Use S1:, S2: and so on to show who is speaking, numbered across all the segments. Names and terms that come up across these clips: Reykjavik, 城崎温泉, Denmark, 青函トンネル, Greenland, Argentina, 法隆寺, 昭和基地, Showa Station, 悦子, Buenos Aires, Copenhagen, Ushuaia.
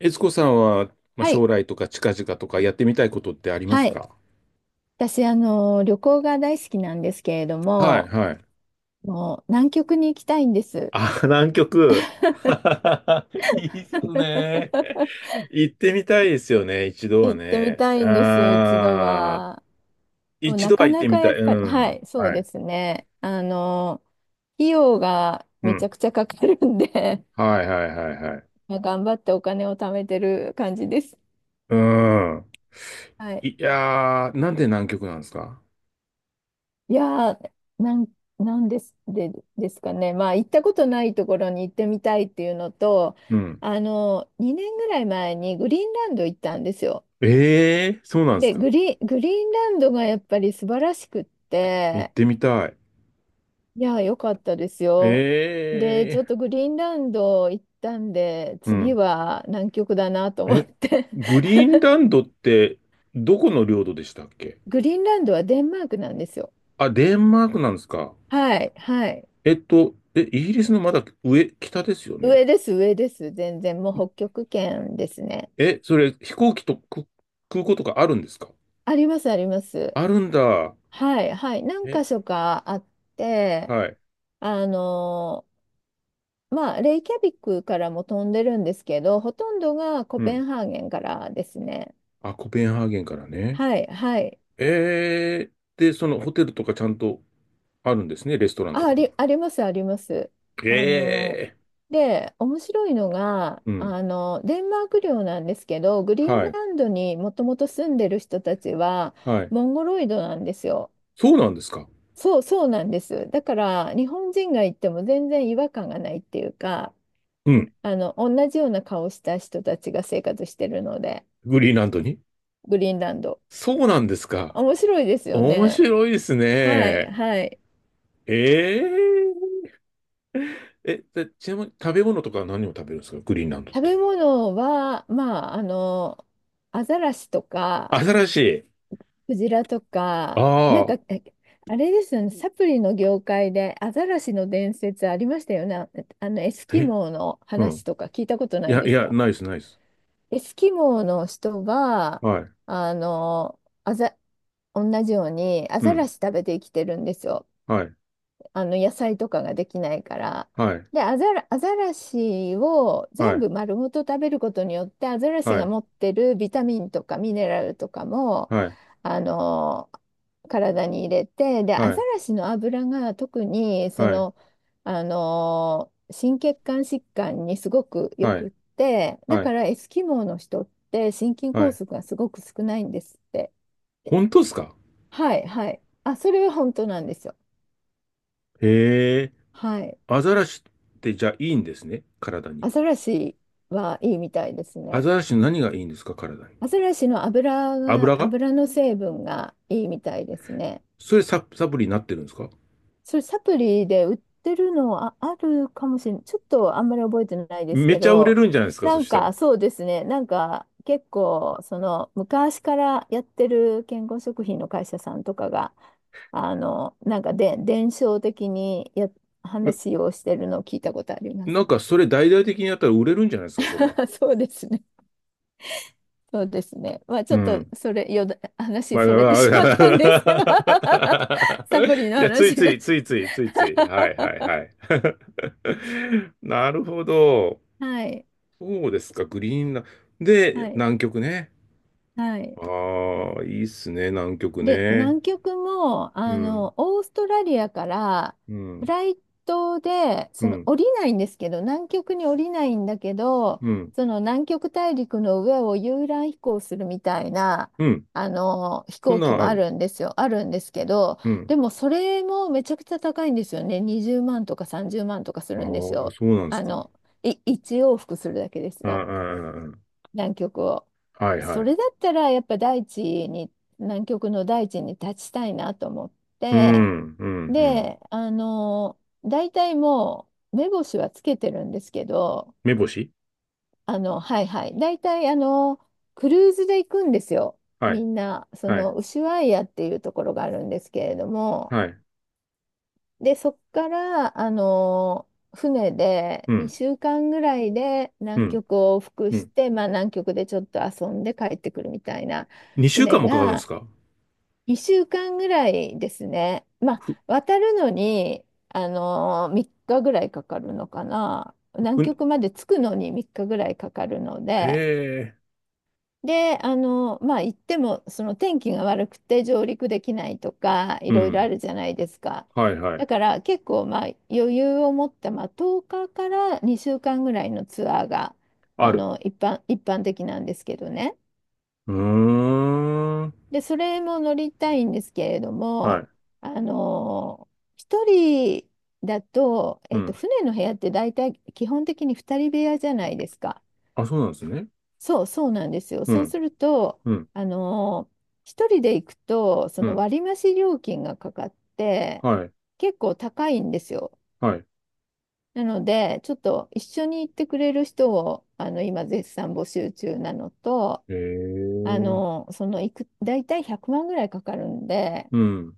S1: 悦子さんは、まあ、
S2: は
S1: 将
S2: い。
S1: 来とか近々とかやってみたいことってあります
S2: はい。
S1: か？
S2: 私、旅行が大好きなんですけれど
S1: はい、
S2: も、
S1: はい。
S2: もう南極に行きたいんです。
S1: あ、南極。いいっすね。行ってみたいですよね、一度は
S2: 行ってみ
S1: ね。
S2: たいんですよ、一度
S1: ああ、
S2: は。もう
S1: 一
S2: な
S1: 度は
S2: か
S1: 行っ
S2: な
S1: て
S2: か
S1: み
S2: や
S1: たい。
S2: っ
S1: う
S2: ぱり、は
S1: ん。
S2: い、そう
S1: は
S2: で
S1: い。
S2: すね。費用が
S1: う
S2: めち
S1: ん。
S2: ゃくちゃかかるんで
S1: はい、はい、はい、はい。
S2: まあ頑張ってお金を貯めてる感じです。
S1: うん。
S2: はい。
S1: いやー、なんで南極なんですか？
S2: いやー、なん、なんです、で、ですかね。まあ、行ったことないところに行ってみたいっていうのと、
S1: うん。
S2: 2年ぐらい前にグリーンランド行ったんですよ。
S1: ええー、そうなんです
S2: で、
S1: か？
S2: グリーンランドがやっぱり素晴らしくっ
S1: 行っ
S2: て、
S1: てみたい。
S2: いや、良かったですよ。で、ち
S1: え
S2: ょっと
S1: え
S2: グリーンランド行ったんで、
S1: ー。う
S2: 次
S1: ん。
S2: は南極だなと思っ
S1: え、
S2: て。
S1: グリーンランドってどこの領土でしたっけ？
S2: グリーンランドはデンマークなんですよ。
S1: あ、デンマークなんですか。
S2: はい、はい。
S1: イギリスのまだ上、北ですよね。
S2: 上です、上です。全然、もう北極圏ですね。
S1: それ飛行機とく空港とかあるんですか？
S2: あります、あります。
S1: あるんだ。
S2: はい、はい。何箇
S1: え、
S2: 所かあって、
S1: はい。
S2: あのまあ、レイキャビックからも飛んでるんですけど、ほとんどがコ
S1: う
S2: ペ
S1: ん。
S2: ンハーゲンからですね。
S1: あ、コペンハーゲンからね。
S2: はい、はい。
S1: で、そのホテルとかちゃんとあるんですね。レストランと
S2: あ、あ
S1: かも。
S2: り、あります、あります。あの、
S1: ええ。
S2: で、面白いのが、
S1: うん。
S2: デンマーク領なんですけど、グリーン
S1: はい。
S2: ランドにもともと住んでる人たちは、
S1: はい。
S2: モンゴロイドなんですよ。
S1: そうなんですか。
S2: そうなんです。だから、日本人が行っても全然違和感がないっていうか、
S1: うん。
S2: 同じような顔した人たちが生活してるので、
S1: グリーンランドに。
S2: グリーンランド。
S1: そうなんですか。
S2: 面白いですよ
S1: 面
S2: ね。
S1: 白いです
S2: はい、
S1: ね。
S2: はい。
S1: えええ、でちなみに食べ物とかは何を食べるんですかグリーンランドっ
S2: 食べ
S1: て。
S2: 物は、まあ、アザラシとか、
S1: 新しい。
S2: クジラとか、
S1: ああ、
S2: あれですよね、サプリの業界でアザラシの伝説ありましたよね。エスキ
S1: え、
S2: モーの
S1: う
S2: 話
S1: ん。
S2: とか聞いたこと
S1: い
S2: ない
S1: や、
S2: で
S1: い
S2: す
S1: や、
S2: か？
S1: ナイス、ナイス。
S2: エスキモーの人は、
S1: はい。
S2: あの、アザ、同じようにア
S1: う
S2: ザラ
S1: ん。
S2: シ食べて生きてるんですよ。
S1: はい。
S2: あの野菜とかができないから。
S1: はい。
S2: で、アザラシを
S1: は
S2: 全
S1: い。
S2: 部丸ごと食べることによって、アザラシ
S1: は
S2: が
S1: い。
S2: 持ってるビタミンとかミネラルとかも、
S1: はい。
S2: あの、体に入れて、で、ア
S1: は
S2: ザ
S1: い。
S2: ラシの油が特に、
S1: はい。
S2: 心血管疾患にすごくよ
S1: は
S2: く
S1: い。
S2: って、だ
S1: は
S2: か
S1: い。
S2: らエスキモーの人って心筋
S1: は
S2: 梗
S1: い。
S2: 塞がすごく少ないんですって。
S1: 本当ですか？
S2: はい、はい。あ、それは本当なんですよ。
S1: へえ。
S2: はい。
S1: アザラシってじゃあいいんですね体に。
S2: アザラシはいいみたいです
S1: ア
S2: ね。
S1: ザラシの何がいいんですか体に？
S2: アザラシの油
S1: 油
S2: が、
S1: が、
S2: 油の成分がいいみたいですね。
S1: それサプリになってるんですか？
S2: それサプリで売ってるのあるかもしれない。ちょっとあんまり覚えてないです
S1: めっ
S2: け
S1: ちゃ売れ
S2: ど、
S1: るんじゃないですか
S2: な
S1: そ
S2: ん
S1: したら？
S2: かそうですね。なんか結構その昔からやってる健康食品の会社さんとかが、なんかで伝承的に話をしてるのを聞いたことありま
S1: な
S2: す。
S1: んかそれ大々的にやったら売れるんじゃないですか、それ。
S2: そうですね。そうですね。まあち
S1: う
S2: ょっと
S1: ん。
S2: それ、よだ、話
S1: まあ、
S2: それて
S1: まあ
S2: しまったんですけど
S1: ま あ。
S2: サプリ の
S1: いや、つい
S2: 話に
S1: つ
S2: なっ
S1: い、
S2: ちゃ
S1: ついつい、ついつい。はいはいはい。なるほど。
S2: う はい。
S1: そうですか、グリーンラン
S2: は
S1: で、
S2: い。
S1: 南極ね。
S2: はい。
S1: ああ、いいっすね、南極
S2: で、
S1: ね。
S2: 南極も、
S1: うん、
S2: オーストラリアから
S1: う
S2: フ
S1: ん、
S2: ライトで、
S1: う
S2: その
S1: ん、
S2: 降りないんですけど、南極に降りないんだけど、
S1: うん、
S2: その南極大陸の上を遊覧飛行するみたいな、
S1: うん。
S2: 飛
S1: そん
S2: 行
S1: な
S2: 機
S1: ん
S2: も
S1: あ
S2: あ
S1: る。
S2: るんですよ。あるんですけど、
S1: うん。
S2: でもそれもめちゃくちゃ高いんですよね。20万とか30万とかす
S1: あ
S2: るんです
S1: あ、
S2: よ。
S1: そうなんです
S2: あ
S1: か。
S2: の、1往復するだけです
S1: ああ、
S2: よ。
S1: あああ
S2: 南極を。
S1: あ、はいは
S2: そ
S1: い。
S2: れだったらやっぱ大地に、南極の大地に立ちたいなと思っ
S1: う
S2: て、
S1: ん、うん、うん。
S2: で、大体もう目星はつけてるんですけど、
S1: 目星。
S2: はいはい、大体クルーズで行くんですよ。
S1: は
S2: み
S1: い。
S2: んな、そ
S1: は
S2: の、
S1: い
S2: ウシュアイアっていうところがあるんですけれども、
S1: はい。
S2: で、そっから、船で
S1: うん。
S2: 2週間ぐらいで
S1: う
S2: 南
S1: ん。
S2: 極を往復
S1: う
S2: し
S1: ん。
S2: て、まあ、南極でちょっと遊んで帰ってくるみたいな、
S1: 2週
S2: 船
S1: 間もかかるんです
S2: が
S1: か？
S2: 2週間ぐらいですね。ま
S1: ふ、
S2: あ、渡るのに、あの3日ぐらいかかるのかな。南
S1: ふ、
S2: 極まで着くのに3日ぐらいかかるの
S1: へ
S2: で、
S1: え。
S2: で、あの、まあ、行っても、その天気が悪くて上陸できないとか、い
S1: う
S2: ろいろあ
S1: ん。
S2: るじゃないですか。
S1: はい、は
S2: だ
S1: い。
S2: から結構、まあ、余裕を持った、まあ、10日かから2週間ぐらいのツアーが、
S1: ある。
S2: 一般的なんですけどね。
S1: うーん。
S2: で、それも乗りたいんですけれど
S1: はい。
S2: も、あの、一人だと、
S1: う
S2: えっと、
S1: ん。
S2: 船の部屋って大体基本的に二人部屋じゃないですか。
S1: あ、そうなんですね。
S2: そうなんですよ。
S1: う
S2: そう
S1: ん。
S2: すると、
S1: うん。
S2: あのー一人で行くと、そ
S1: う
S2: の
S1: ん。
S2: 割増料金がかかって、
S1: はい。
S2: 結構高いんですよ。
S1: はい。
S2: なので、ちょっと一緒に行ってくれる人を、今絶賛募集中なのと、
S1: へ
S2: あ
S1: え。
S2: のーその行く、大体100万ぐらいかかるんで、
S1: うん。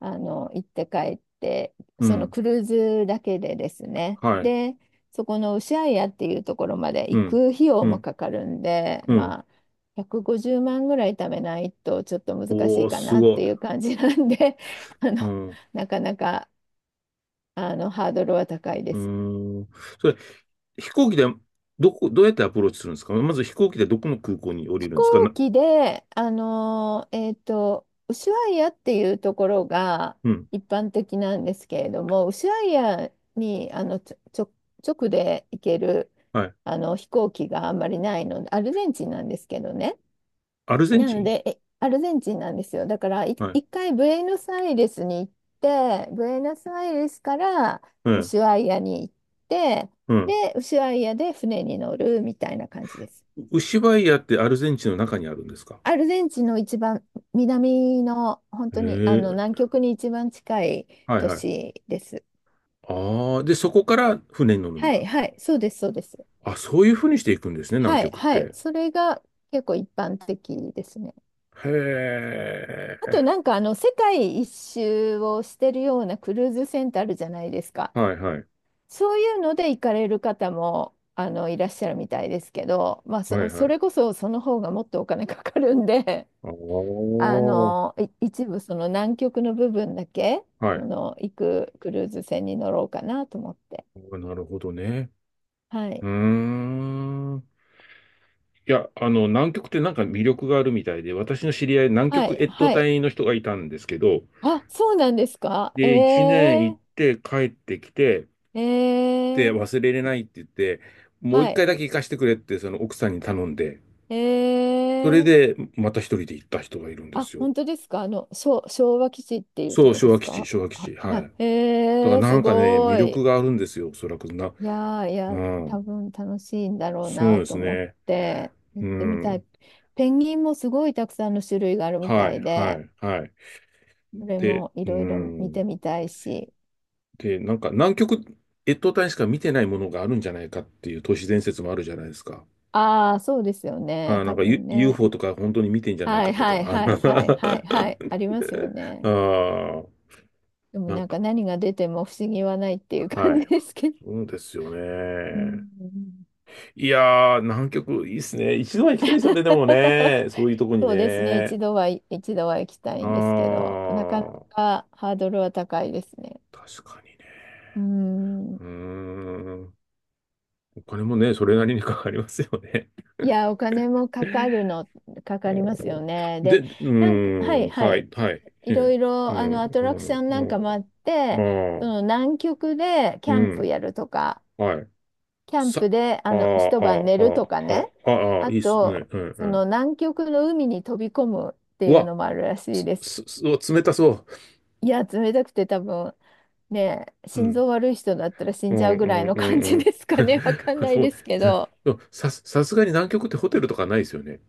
S2: 行って帰って、
S1: う
S2: その
S1: ん。
S2: クルーズだけでですね。
S1: はい。
S2: で、そこのウシャイアっていうところまで
S1: う
S2: 行く
S1: ん。
S2: 費用
S1: う
S2: も
S1: ん。
S2: かかるんで、
S1: うん。
S2: まあ、150万ぐらい貯めないとちょっと難し
S1: お
S2: い
S1: ー、
S2: か
S1: す
S2: なっ
S1: ごい。
S2: ていう感じなんで、あ
S1: う
S2: の、
S1: ん。う
S2: なかなか、あの、ハードルは高いで
S1: ー
S2: す。
S1: ん。それ、飛行機で、どうやってアプローチするんですか、まず飛行機でどこの空港に降り
S2: 飛
S1: るんですか、
S2: 行
S1: な、
S2: 機で、ウシュアイアっていうところが
S1: うん。
S2: 一般的なんですけれども、ウシュアイアにあのちょ、ちょ、直で行ける
S1: はい。
S2: あの飛行機があんまりないので、アルゼンチンなんですけどね。
S1: アルゼン
S2: な
S1: チ
S2: の
S1: ン。
S2: で、アルゼンチンなんですよ。だから、
S1: はい。
S2: 一回ブエノスアイレスに行って、ブエノスアイレスから
S1: う
S2: ウ
S1: ん。
S2: シュアイアに行って、
S1: うん。
S2: で、ウシュアイアで船に乗るみたいな感じです。
S1: ウシバイアってアルゼンチンの中にあるんですか？
S2: アルゼンチンの一番南の本当にあ
S1: え
S2: の
S1: え、
S2: 南極に一番近い
S1: はい
S2: 都
S1: はい。
S2: 市です。
S1: ああ、で、そこから船に乗るん
S2: は
S1: だ。
S2: いはい、そうです、そうです。
S1: あ、そういうふうにしていくんですね、南
S2: はい
S1: 極っ
S2: はい、
S1: て。
S2: それが結構一般的ですね。
S1: へ
S2: あと
S1: え。
S2: なんかあの世界一周をしてるようなクルーズ船ってあるじゃないですか。
S1: はいはい。
S2: そういうので行かれる方もあのいらっしゃるみたいですけど、まあ、
S1: はいは
S2: それ
S1: い。
S2: こそその方がもっとお金かかるんで、
S1: ああ、は
S2: 一部その南極の部分だけ、そ
S1: い。
S2: の行くクルーズ船に乗ろうかなと思って。
S1: あ、なるほどね。
S2: は
S1: う
S2: い。
S1: ーん。いや、南極ってなんか魅力があるみたいで、私の知り合い、南
S2: は
S1: 極
S2: い。
S1: 越冬
S2: はい。
S1: 隊の人がいたんですけど、
S2: あ、そうなんですか？え
S1: で、1年行っ
S2: え。
S1: て帰ってきて、
S2: え
S1: て
S2: え。
S1: 忘れれないって言って、もう一
S2: は
S1: 回
S2: い。
S1: だけ行かしてくれって、その奥さんに頼んで、
S2: え
S1: それ
S2: え。
S1: でまた一人で行った人がいるんで
S2: あ、
S1: すよ。
S2: 本当ですか？昭和基地っていうと
S1: そう、
S2: こで
S1: 昭和
S2: す
S1: 基地、
S2: か？
S1: 昭和基
S2: あ、
S1: 地。は
S2: は
S1: い。だか
S2: い。え
S1: ら
S2: え、
S1: な
S2: す
S1: んかね、魅
S2: ご
S1: 力
S2: い。
S1: があるんですよ、おそらくな。
S2: いやー、い
S1: う
S2: や、
S1: ん。
S2: 多分楽しいんだろう
S1: そう
S2: な
S1: で
S2: と
S1: す
S2: 思っ
S1: ね。
S2: て、行っ
S1: う
S2: てみたい。
S1: ん。
S2: ペンギンもすごいたくさんの種類があるみ
S1: は
S2: た
S1: い、
S2: い
S1: は
S2: で、
S1: い、はい。
S2: それ
S1: で、
S2: もい
S1: う
S2: ろいろ見
S1: ん。
S2: てみたいし。
S1: で、なんか南極越冬隊しか見てないものがあるんじゃないかっていう都市伝説もあるじゃないですか。
S2: ああ、そうですよ
S1: あ
S2: ね。
S1: ーな
S2: 多
S1: んか、
S2: 分
S1: UFO
S2: ね。
S1: とか本当に見てんじゃない
S2: はい
S1: かとか。
S2: はい
S1: あ
S2: はいはいはい
S1: ー
S2: はい。ありますよ ね。
S1: あー、
S2: でも
S1: なん
S2: なん
S1: か、
S2: か何が出ても不思議はないっていう
S1: は
S2: 感じ
S1: い。
S2: ですけど。
S1: そうですよ
S2: う
S1: ね。
S2: ん。
S1: いやー、南極いいっすね。一度は行きたいですよね、でもね。そ ういうとこに
S2: そうですね。
S1: ね。
S2: 一度は、一度は行きた
S1: あ
S2: いんですけど、なかな
S1: ー、
S2: かハードルは高いですね。
S1: 確かにね。
S2: うん。
S1: うーん。お金もね、それなりにかかりますよね。
S2: いや、お金もかかるの、か
S1: お
S2: かりますよ
S1: ー、
S2: ね。
S1: で、
S2: で、
S1: うー
S2: なんか、はい
S1: ん、
S2: は
S1: は
S2: い。
S1: い、
S2: で、
S1: はい。
S2: い
S1: う
S2: ろ
S1: ん、
S2: い
S1: う
S2: ろ、アトラクシ
S1: ん、
S2: ョン
S1: う
S2: なん
S1: ん、
S2: かもあっ
S1: う
S2: て、
S1: ん、
S2: そ
S1: あー、
S2: の南極でキ
S1: う
S2: ャンプ
S1: ん、
S2: やるとか、
S1: はい。
S2: キャン
S1: さ、
S2: プで、
S1: あー、あ
S2: 一晩寝る
S1: ー、
S2: とか
S1: あ
S2: ね。
S1: ー、あー、あー、あ、
S2: あ
S1: いいっすね。
S2: と、
S1: うん、う
S2: その
S1: ん。
S2: 南極の海に飛び込むって
S1: う
S2: いう
S1: わ、
S2: のもあるらしい
S1: す、
S2: です。
S1: す、す、うわ冷たそ
S2: いや、冷たくて多分、ね、
S1: う。う
S2: 心
S1: ん。
S2: 臓悪い人だったら死
S1: う
S2: んじゃ
S1: ん
S2: うぐ
S1: う
S2: らい
S1: ん
S2: の
S1: う
S2: 感
S1: ん
S2: じですか
S1: う
S2: ね。わかん
S1: ん。
S2: ない
S1: そう、
S2: ですけ
S1: ぜ
S2: ど、
S1: さすがに南極ってホテルとかないですよね。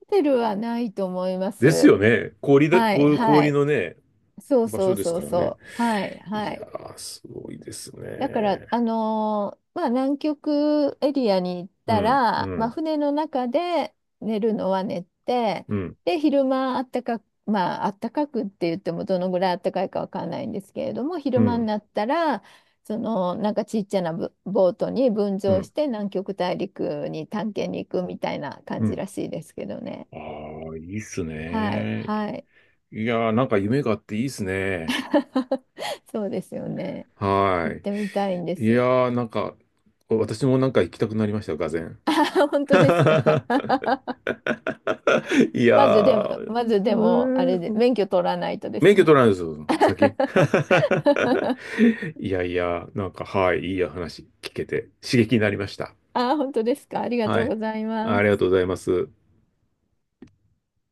S2: ホテルはないと思いま
S1: ですよ
S2: す。
S1: ね。氷だ、
S2: はい
S1: こ
S2: は
S1: 氷
S2: い。
S1: のね、
S2: そう
S1: 場
S2: そ
S1: 所
S2: う
S1: です
S2: そう
S1: からね。
S2: そう。はいは
S1: いや
S2: い。
S1: ー、すごいです
S2: だから、
S1: ね。
S2: まあ、南極エリアに行っ
S1: う
S2: た
S1: ん、う
S2: ら、まあ、
S1: ん、
S2: 船の中で寝るのは寝て、
S1: うん、
S2: で、昼間あったかく、まあ、あったかくって言ってもどのぐらいあったかいかわかんないんですけれども、
S1: う
S2: 昼間に
S1: ん、
S2: なったら、なんかちっちゃなボートに分
S1: う
S2: 乗
S1: ん、
S2: して南極大陸に探検に行くみたいな
S1: う
S2: 感じ
S1: ん。
S2: らしいですけどね。
S1: ああ、いいっす
S2: はい
S1: ね。
S2: はい。
S1: いやー、なんか夢があっていいっすね。
S2: そうですよね。
S1: は
S2: 行ってみたいんで
S1: い。いや
S2: す。
S1: ー、なんか、私もなんか行きたくなりました、がぜん。
S2: あ、本当です か？
S1: いやー、
S2: まずでも、あれで、
S1: ー
S2: 免許取らないとで
S1: 免
S2: す
S1: 許取
S2: ね。
S1: らないですよ、先。いやいや、なんか、はい、いい話聞けて、刺激になりました。
S2: あ、本当ですか？ありが
S1: は
S2: とう
S1: い。
S2: ございま
S1: ありが
S2: す。
S1: とうございます。